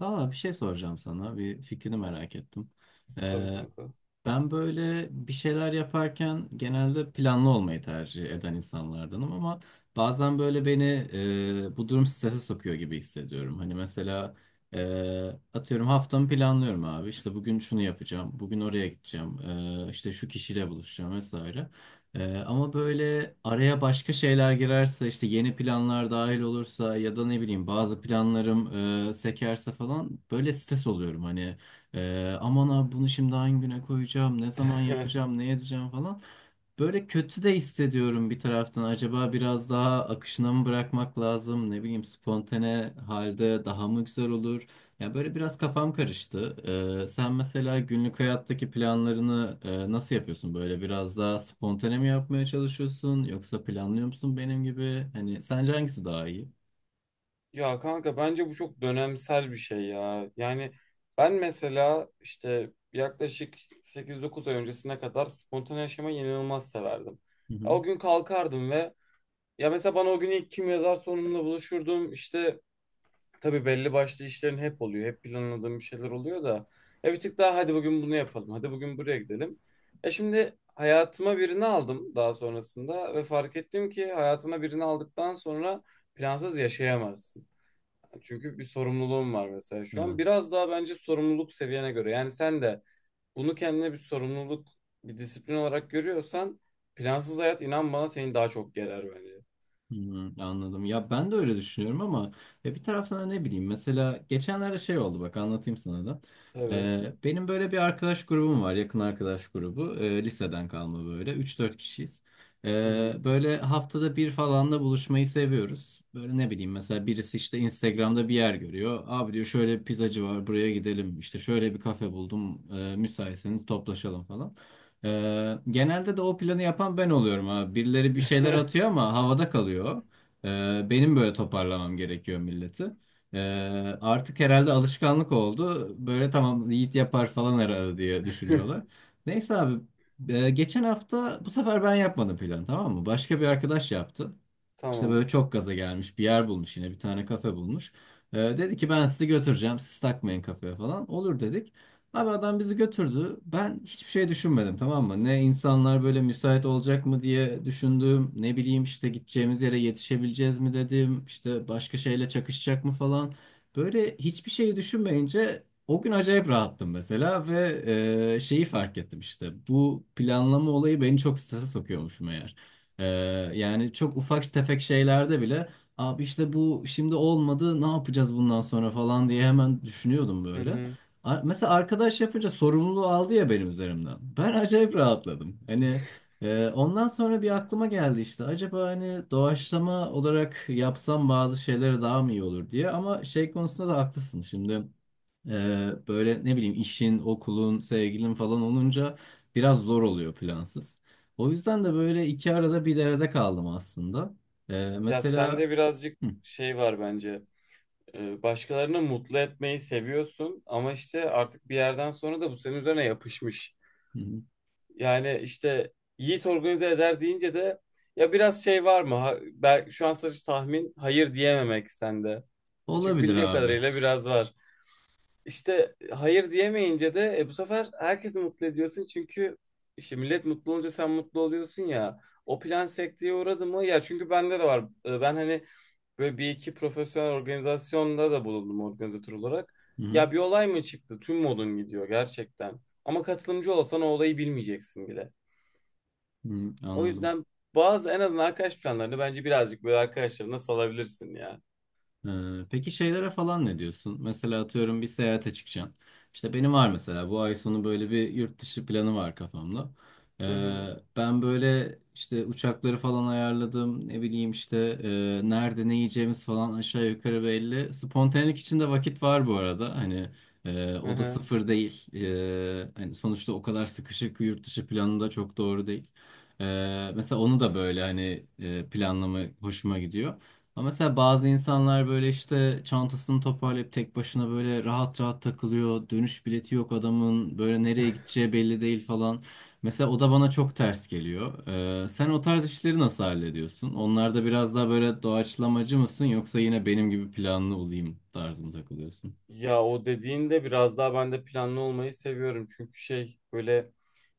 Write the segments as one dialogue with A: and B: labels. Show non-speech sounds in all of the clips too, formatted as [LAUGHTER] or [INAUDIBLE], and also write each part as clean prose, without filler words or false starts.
A: Bir şey soracağım sana. Bir fikrini merak ettim.
B: Tabii
A: Ee,
B: kanka.
A: Ben böyle bir şeyler yaparken genelde planlı olmayı tercih eden insanlardanım ama bazen böyle beni bu durum strese sokuyor gibi hissediyorum. Hani mesela e, atıyorum haftamı planlıyorum abi. İşte bugün şunu yapacağım, bugün oraya gideceğim, işte şu kişiyle buluşacağım vesaire. Ama böyle araya başka şeyler girerse işte yeni planlar dahil olursa ya da ne bileyim bazı planlarım sekerse falan böyle stres oluyorum hani aman abi bunu şimdi hangi güne koyacağım, ne zaman
B: [LAUGHS]
A: yapacağım, ne edeceğim falan. Böyle kötü de hissediyorum bir taraftan. Acaba biraz daha akışına mı bırakmak lazım? Ne bileyim, spontane halde daha mı güzel olur? Ya böyle biraz kafam karıştı. Sen mesela günlük hayattaki planlarını nasıl yapıyorsun? Böyle biraz daha spontane mi yapmaya çalışıyorsun? Yoksa planlıyor musun benim gibi? Hani sence hangisi daha iyi?
B: Ya kanka bence bu çok dönemsel bir şey ya. Yani ben mesela işte yaklaşık 8-9 ay öncesine kadar spontane yaşamayı inanılmaz severdim.
A: Hı
B: Ya
A: hı.
B: o gün kalkardım ve ya mesela bana o gün ilk kim yazarsa onunla buluşurdum. İşte tabii belli başlı işlerin hep oluyor. Hep planladığım bir şeyler oluyor da. Ya bir tık daha hadi bugün bunu yapalım. Hadi bugün buraya gidelim. Ya şimdi hayatıma birini aldım daha sonrasında ve fark ettim ki hayatına birini aldıktan sonra plansız yaşayamazsın. Çünkü bir sorumluluğum var mesela şu an.
A: Evet.
B: Biraz daha bence sorumluluk seviyene göre. Yani sen de bunu kendine bir sorumluluk, bir disiplin olarak görüyorsan plansız hayat inan bana seni daha çok gerer bence.
A: Hmm, anladım. Ya ben de öyle düşünüyorum ama ya bir taraftan da ne bileyim, mesela geçenlerde şey oldu, bak anlatayım sana da.
B: Tabii.
A: Benim böyle bir arkadaş grubum var, yakın arkadaş grubu. Liseden kalma, böyle üç dört kişiyiz.
B: Hı hı.
A: Böyle haftada bir falan da buluşmayı seviyoruz. Böyle ne bileyim, mesela birisi işte Instagram'da bir yer görüyor. Abi diyor şöyle bir pizzacı var, buraya gidelim. İşte şöyle bir kafe buldum. Müsaitseniz toplaşalım falan. Genelde de o planı yapan ben oluyorum abi. Birileri bir şeyler atıyor ama havada kalıyor. Benim böyle toparlamam gerekiyor milleti. Ee, Artık herhalde alışkanlık oldu. Böyle tamam, Yiğit yapar falan herhalde diye düşünüyorlar.
B: [LAUGHS]
A: Neyse abi, geçen hafta bu sefer ben yapmadım plan, tamam mı? Başka bir arkadaş yaptı. İşte
B: Tamam.
A: böyle çok gaza gelmiş, bir yer bulmuş, yine bir tane kafe bulmuş. Dedi ki ben sizi götüreceğim, siz takmayın kafaya falan. Olur dedik. Abi adam bizi götürdü. Ben hiçbir şey düşünmedim, tamam mı? Ne insanlar böyle müsait olacak mı diye düşündüm. Ne bileyim işte gideceğimiz yere yetişebileceğiz mi dedim. İşte başka şeyle çakışacak mı falan. Böyle hiçbir şeyi düşünmeyince o gün acayip rahattım mesela ve şeyi fark ettim işte. Bu planlama olayı beni çok strese sokuyormuş meğer. Ee, Yani çok ufak tefek şeylerde bile abi işte bu şimdi olmadı, ne yapacağız bundan sonra falan diye hemen düşünüyordum
B: Hı
A: böyle.
B: hı.
A: Mesela arkadaş yapınca sorumluluğu aldı ya benim üzerimden. Ben acayip rahatladım. Hani ondan sonra bir aklıma geldi işte, acaba hani doğaçlama olarak yapsam bazı şeyleri daha mı iyi olur diye, ama şey konusunda da haklısın şimdi. Böyle ne bileyim, işin, okulun, sevgilin falan olunca biraz zor oluyor plansız. O yüzden de böyle iki arada bir derede kaldım aslında.
B: Ya
A: Mesela
B: sende birazcık
A: Hı,
B: şey var bence. Başkalarını mutlu etmeyi seviyorsun ama işte artık bir yerden sonra da bu senin üzerine yapışmış.
A: hı.
B: Yani işte Yiğit organize eder deyince de ya biraz şey var mı? Ben şu an sadece tahmin hayır diyememek sende. Çünkü
A: Olabilir
B: bildiğim
A: abi.
B: kadarıyla biraz var. İşte hayır diyemeyince de bu sefer herkesi mutlu ediyorsun çünkü işte millet mutlu olunca sen mutlu oluyorsun ya. O plan sekteye uğradı mı? Ya çünkü bende de var. Ben hani böyle bir iki profesyonel organizasyonda da bulundum organizatör olarak.
A: Hı,
B: Ya bir olay mı çıktı? Tüm modun gidiyor gerçekten. Ama katılımcı olsan o olayı bilmeyeceksin bile.
A: hı,
B: O
A: anladım.
B: yüzden bazı en azından arkadaş planlarını bence birazcık böyle arkadaşlarına salabilirsin ya.
A: Peki şeylere falan ne diyorsun? Mesela atıyorum bir seyahate çıkacağım. İşte benim var mesela bu ay sonu böyle bir yurt dışı planı var kafamda.
B: Hı
A: Ee,
B: hı.
A: Ben böyle işte uçakları falan ayarladım. Ne bileyim işte nerede ne yiyeceğimiz falan aşağı yukarı belli. Spontanelik içinde vakit var bu arada. Hani
B: Hı
A: o da
B: hı.
A: sıfır değil. Hani sonuçta o kadar sıkışık yurt dışı planı da çok doğru değil. Mesela onu da böyle hani planlama hoşuma gidiyor. Ama mesela bazı insanlar böyle işte çantasını toparlayıp tek başına böyle rahat rahat takılıyor. Dönüş bileti yok adamın. Böyle nereye gideceği belli değil falan. Mesela o da bana çok ters geliyor. Sen o tarz işleri nasıl hallediyorsun? Onlarda biraz daha böyle doğaçlamacı mısın, yoksa yine benim gibi planlı olayım tarzında takılıyorsun?
B: Ya o dediğinde biraz daha ben de planlı olmayı seviyorum. Çünkü şey böyle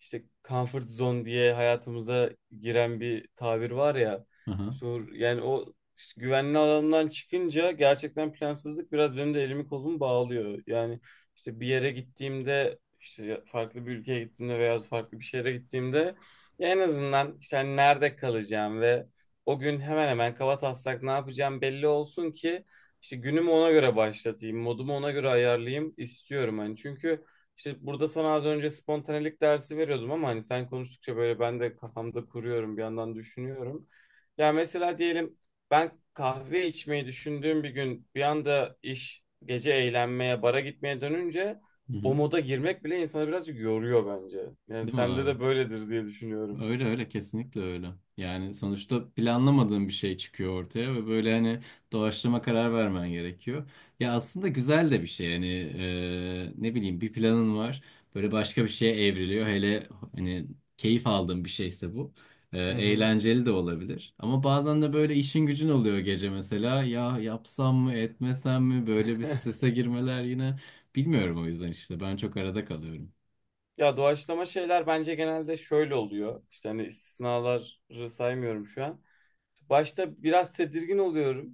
B: işte comfort zone diye hayatımıza giren bir tabir var ya.
A: Aha.
B: İşte yani o işte güvenli alandan çıkınca gerçekten plansızlık biraz benim de elimi kolumu bağlıyor. Yani işte bir yere gittiğimde işte farklı bir ülkeye gittiğimde veya farklı bir şehre gittiğimde ya en azından işte hani nerede kalacağım ve o gün hemen hemen kaba taslak ne yapacağım belli olsun ki işte günümü ona göre başlatayım, modumu ona göre ayarlayayım istiyorum hani. Çünkü işte burada sana az önce spontanelik dersi veriyordum ama hani sen konuştukça böyle ben de kafamda kuruyorum, bir yandan düşünüyorum. Ya mesela diyelim ben kahve içmeyi düşündüğüm bir gün bir anda iş gece eğlenmeye, bara gitmeye dönünce
A: Hı
B: o
A: hı.
B: moda girmek bile insanı birazcık yoruyor bence. Yani
A: Değil mi
B: sende
A: abi?
B: de böyledir diye düşünüyorum.
A: Öyle öyle, kesinlikle öyle. Yani sonuçta planlamadığın bir şey çıkıyor ortaya ve böyle hani doğaçlama karar vermen gerekiyor. Ya aslında güzel de bir şey hani, ne bileyim bir planın var, böyle başka bir şeye evriliyor. Hele hani keyif aldığın bir şeyse bu. E,
B: Hı hı.
A: eğlenceli de olabilir. Ama bazen de böyle işin gücün oluyor gece mesela, ya yapsam mı etmesem mi, böyle bir
B: [LAUGHS]
A: strese girmeler yine, bilmiyorum, o yüzden işte ben çok arada kalıyorum.
B: Ya doğaçlama şeyler bence genelde şöyle oluyor. İşte hani istisnaları saymıyorum şu an. Başta biraz tedirgin oluyorum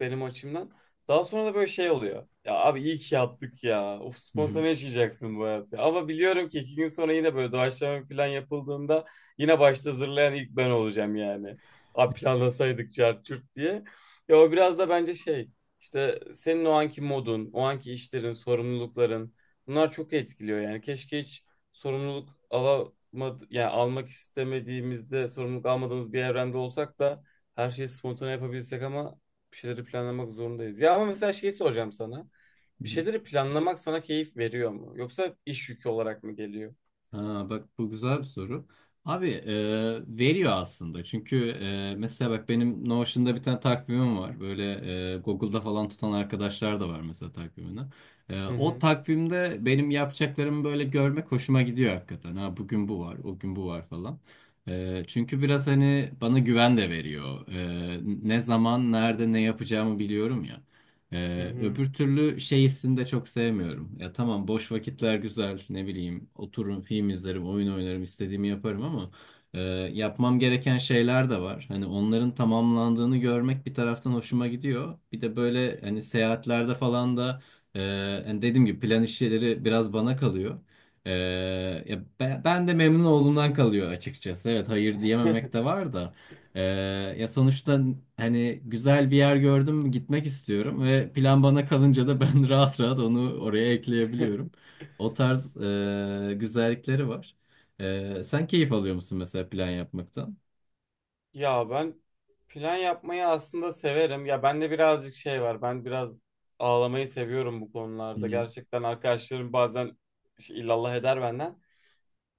B: benim açımdan. Daha sonra da böyle şey oluyor. Ya abi iyi ki yaptık ya. Of
A: Hı
B: spontane yaşayacaksın bu hayatı. Ama biliyorum ki iki gün sonra yine böyle doğaçlama bir plan yapıldığında yine başta hazırlayan ilk ben olacağım yani. Abi planlasaydık çarçurt çurt diye. Ya o biraz da bence şey işte senin o anki modun, o anki işlerin, sorumlulukların bunlar çok etkiliyor yani. Keşke hiç sorumluluk alamadı, yani almak istemediğimizde sorumluluk almadığımız bir evrende olsak da her şeyi spontane yapabilsek ama bir şeyleri planlamak zorundayız. Ya ama mesela şeyi soracağım sana. Bir
A: hı.
B: şeyleri planlamak sana keyif veriyor mu? Yoksa iş yükü olarak mı geliyor?
A: Ha, bak bu güzel bir soru. Abi veriyor aslında. Çünkü mesela bak benim Notion'da bir tane takvimim var. Böyle Google'da falan tutan arkadaşlar da var mesela takvimini. E,
B: Hı
A: o
B: hı.
A: takvimde benim yapacaklarımı böyle görmek hoşuma gidiyor hakikaten. Ha, bugün bu var, o gün bu var falan. E, çünkü biraz hani bana güven de veriyor. E, ne zaman, nerede, ne yapacağımı biliyorum ya.
B: Hı hı.
A: Öbür türlü şey hissini de çok sevmiyorum. Ya tamam, boş vakitler güzel, ne bileyim otururum, film izlerim, oyun oynarım, istediğimi yaparım, ama e, yapmam gereken şeyler de var. Hani onların tamamlandığını görmek bir taraftan hoşuma gidiyor. Bir de böyle hani seyahatlerde falan da hani dediğim gibi plan işleri biraz bana kalıyor. E, ben de memnun olduğumdan kalıyor açıkçası. Evet, hayır diyememek
B: [LAUGHS]
A: de var da. Ee, Ya sonuçta hani güzel bir yer gördüm, gitmek istiyorum ve plan bana kalınca da ben [LAUGHS] rahat rahat onu oraya ekleyebiliyorum. O tarz güzellikleri var. E, sen keyif alıyor musun mesela plan yapmaktan?
B: Ya ben plan yapmayı aslında severim. Ya bende birazcık şey var. Ben biraz ağlamayı seviyorum bu
A: Hı
B: konularda.
A: hı.
B: Gerçekten arkadaşlarım bazen şey, illallah eder benden.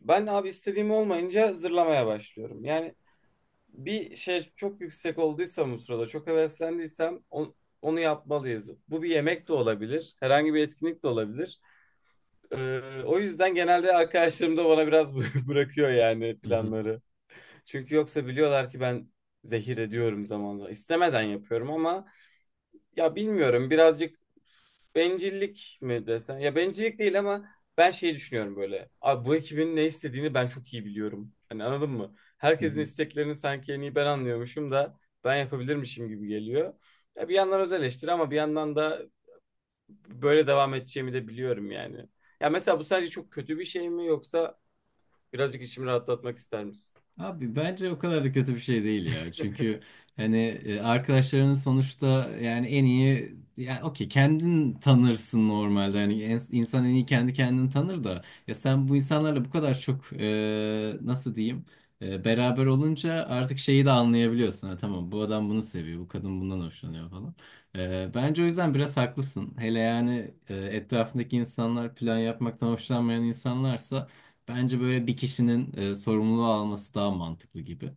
B: Ben abi istediğim olmayınca zırlamaya başlıyorum. Yani bir şey çok yüksek olduysam o sırada çok heveslendiysem onu yapmalıyız. Bu bir yemek de olabilir, herhangi bir etkinlik de olabilir. O yüzden genelde arkadaşlarım da bana biraz [LAUGHS] bırakıyor yani planları. Çünkü yoksa biliyorlar ki ben zehir ediyorum zaman zaman. İstemeden yapıyorum ama ya bilmiyorum birazcık bencillik mi desen? Ya bencillik değil ama ben şey düşünüyorum böyle. Abi bu ekibin ne istediğini ben çok iyi biliyorum. Hani anladın mı?
A: Hı
B: Herkesin
A: hı.
B: isteklerini sanki en iyi ben anlıyormuşum da ben yapabilirmişim gibi geliyor. Ya bir yandan öz eleştiri ama bir yandan da böyle devam edeceğimi de biliyorum yani. Ya mesela bu sadece çok kötü bir şey mi yoksa birazcık içimi rahatlatmak ister misin?
A: Abi bence o kadar da kötü bir şey değil ya. Çünkü hani arkadaşlarının sonuçta, yani en iyi, yani okey kendin tanırsın normalde. Hani insan en iyi kendi kendini tanır da, ya sen bu insanlarla bu kadar çok nasıl diyeyim, beraber olunca artık şeyi de anlayabiliyorsun. Ha, tamam bu adam bunu seviyor, bu kadın bundan hoşlanıyor falan. E, bence o yüzden biraz haklısın. Hele yani etrafındaki insanlar plan yapmaktan hoşlanmayan insanlarsa, bence böyle bir kişinin sorumluluğu alması daha mantıklı gibi.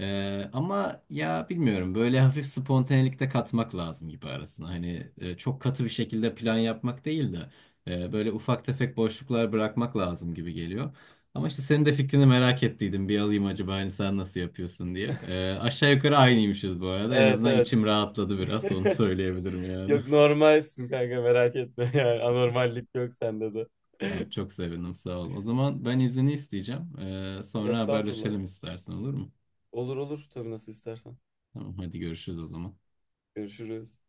A: E, ama ya bilmiyorum, böyle [LAUGHS] hafif spontanelik de katmak lazım gibi arasına. Hani çok katı bir şekilde plan yapmak değil de böyle ufak tefek boşluklar bırakmak lazım gibi geliyor. Ama işte senin de fikrini merak ettiydim. Bir alayım acaba hani sen nasıl yapıyorsun diye. E, aşağı yukarı aynıymışız bu arada. En
B: Evet
A: azından
B: evet.
A: içim rahatladı, biraz onu
B: [LAUGHS]
A: söyleyebilirim yani.
B: Yok
A: [LAUGHS]
B: normalsin kanka merak etme [LAUGHS] yani anormallik yok sende de.
A: Tamam, çok sevindim, sağ ol. O zaman ben izni isteyeceğim. E,
B: [LAUGHS]
A: sonra
B: Estağfurullah.
A: haberleşelim istersen, olur mu?
B: Olur olur tabii nasıl istersen.
A: Tamam, hadi görüşürüz o zaman.
B: Görüşürüz.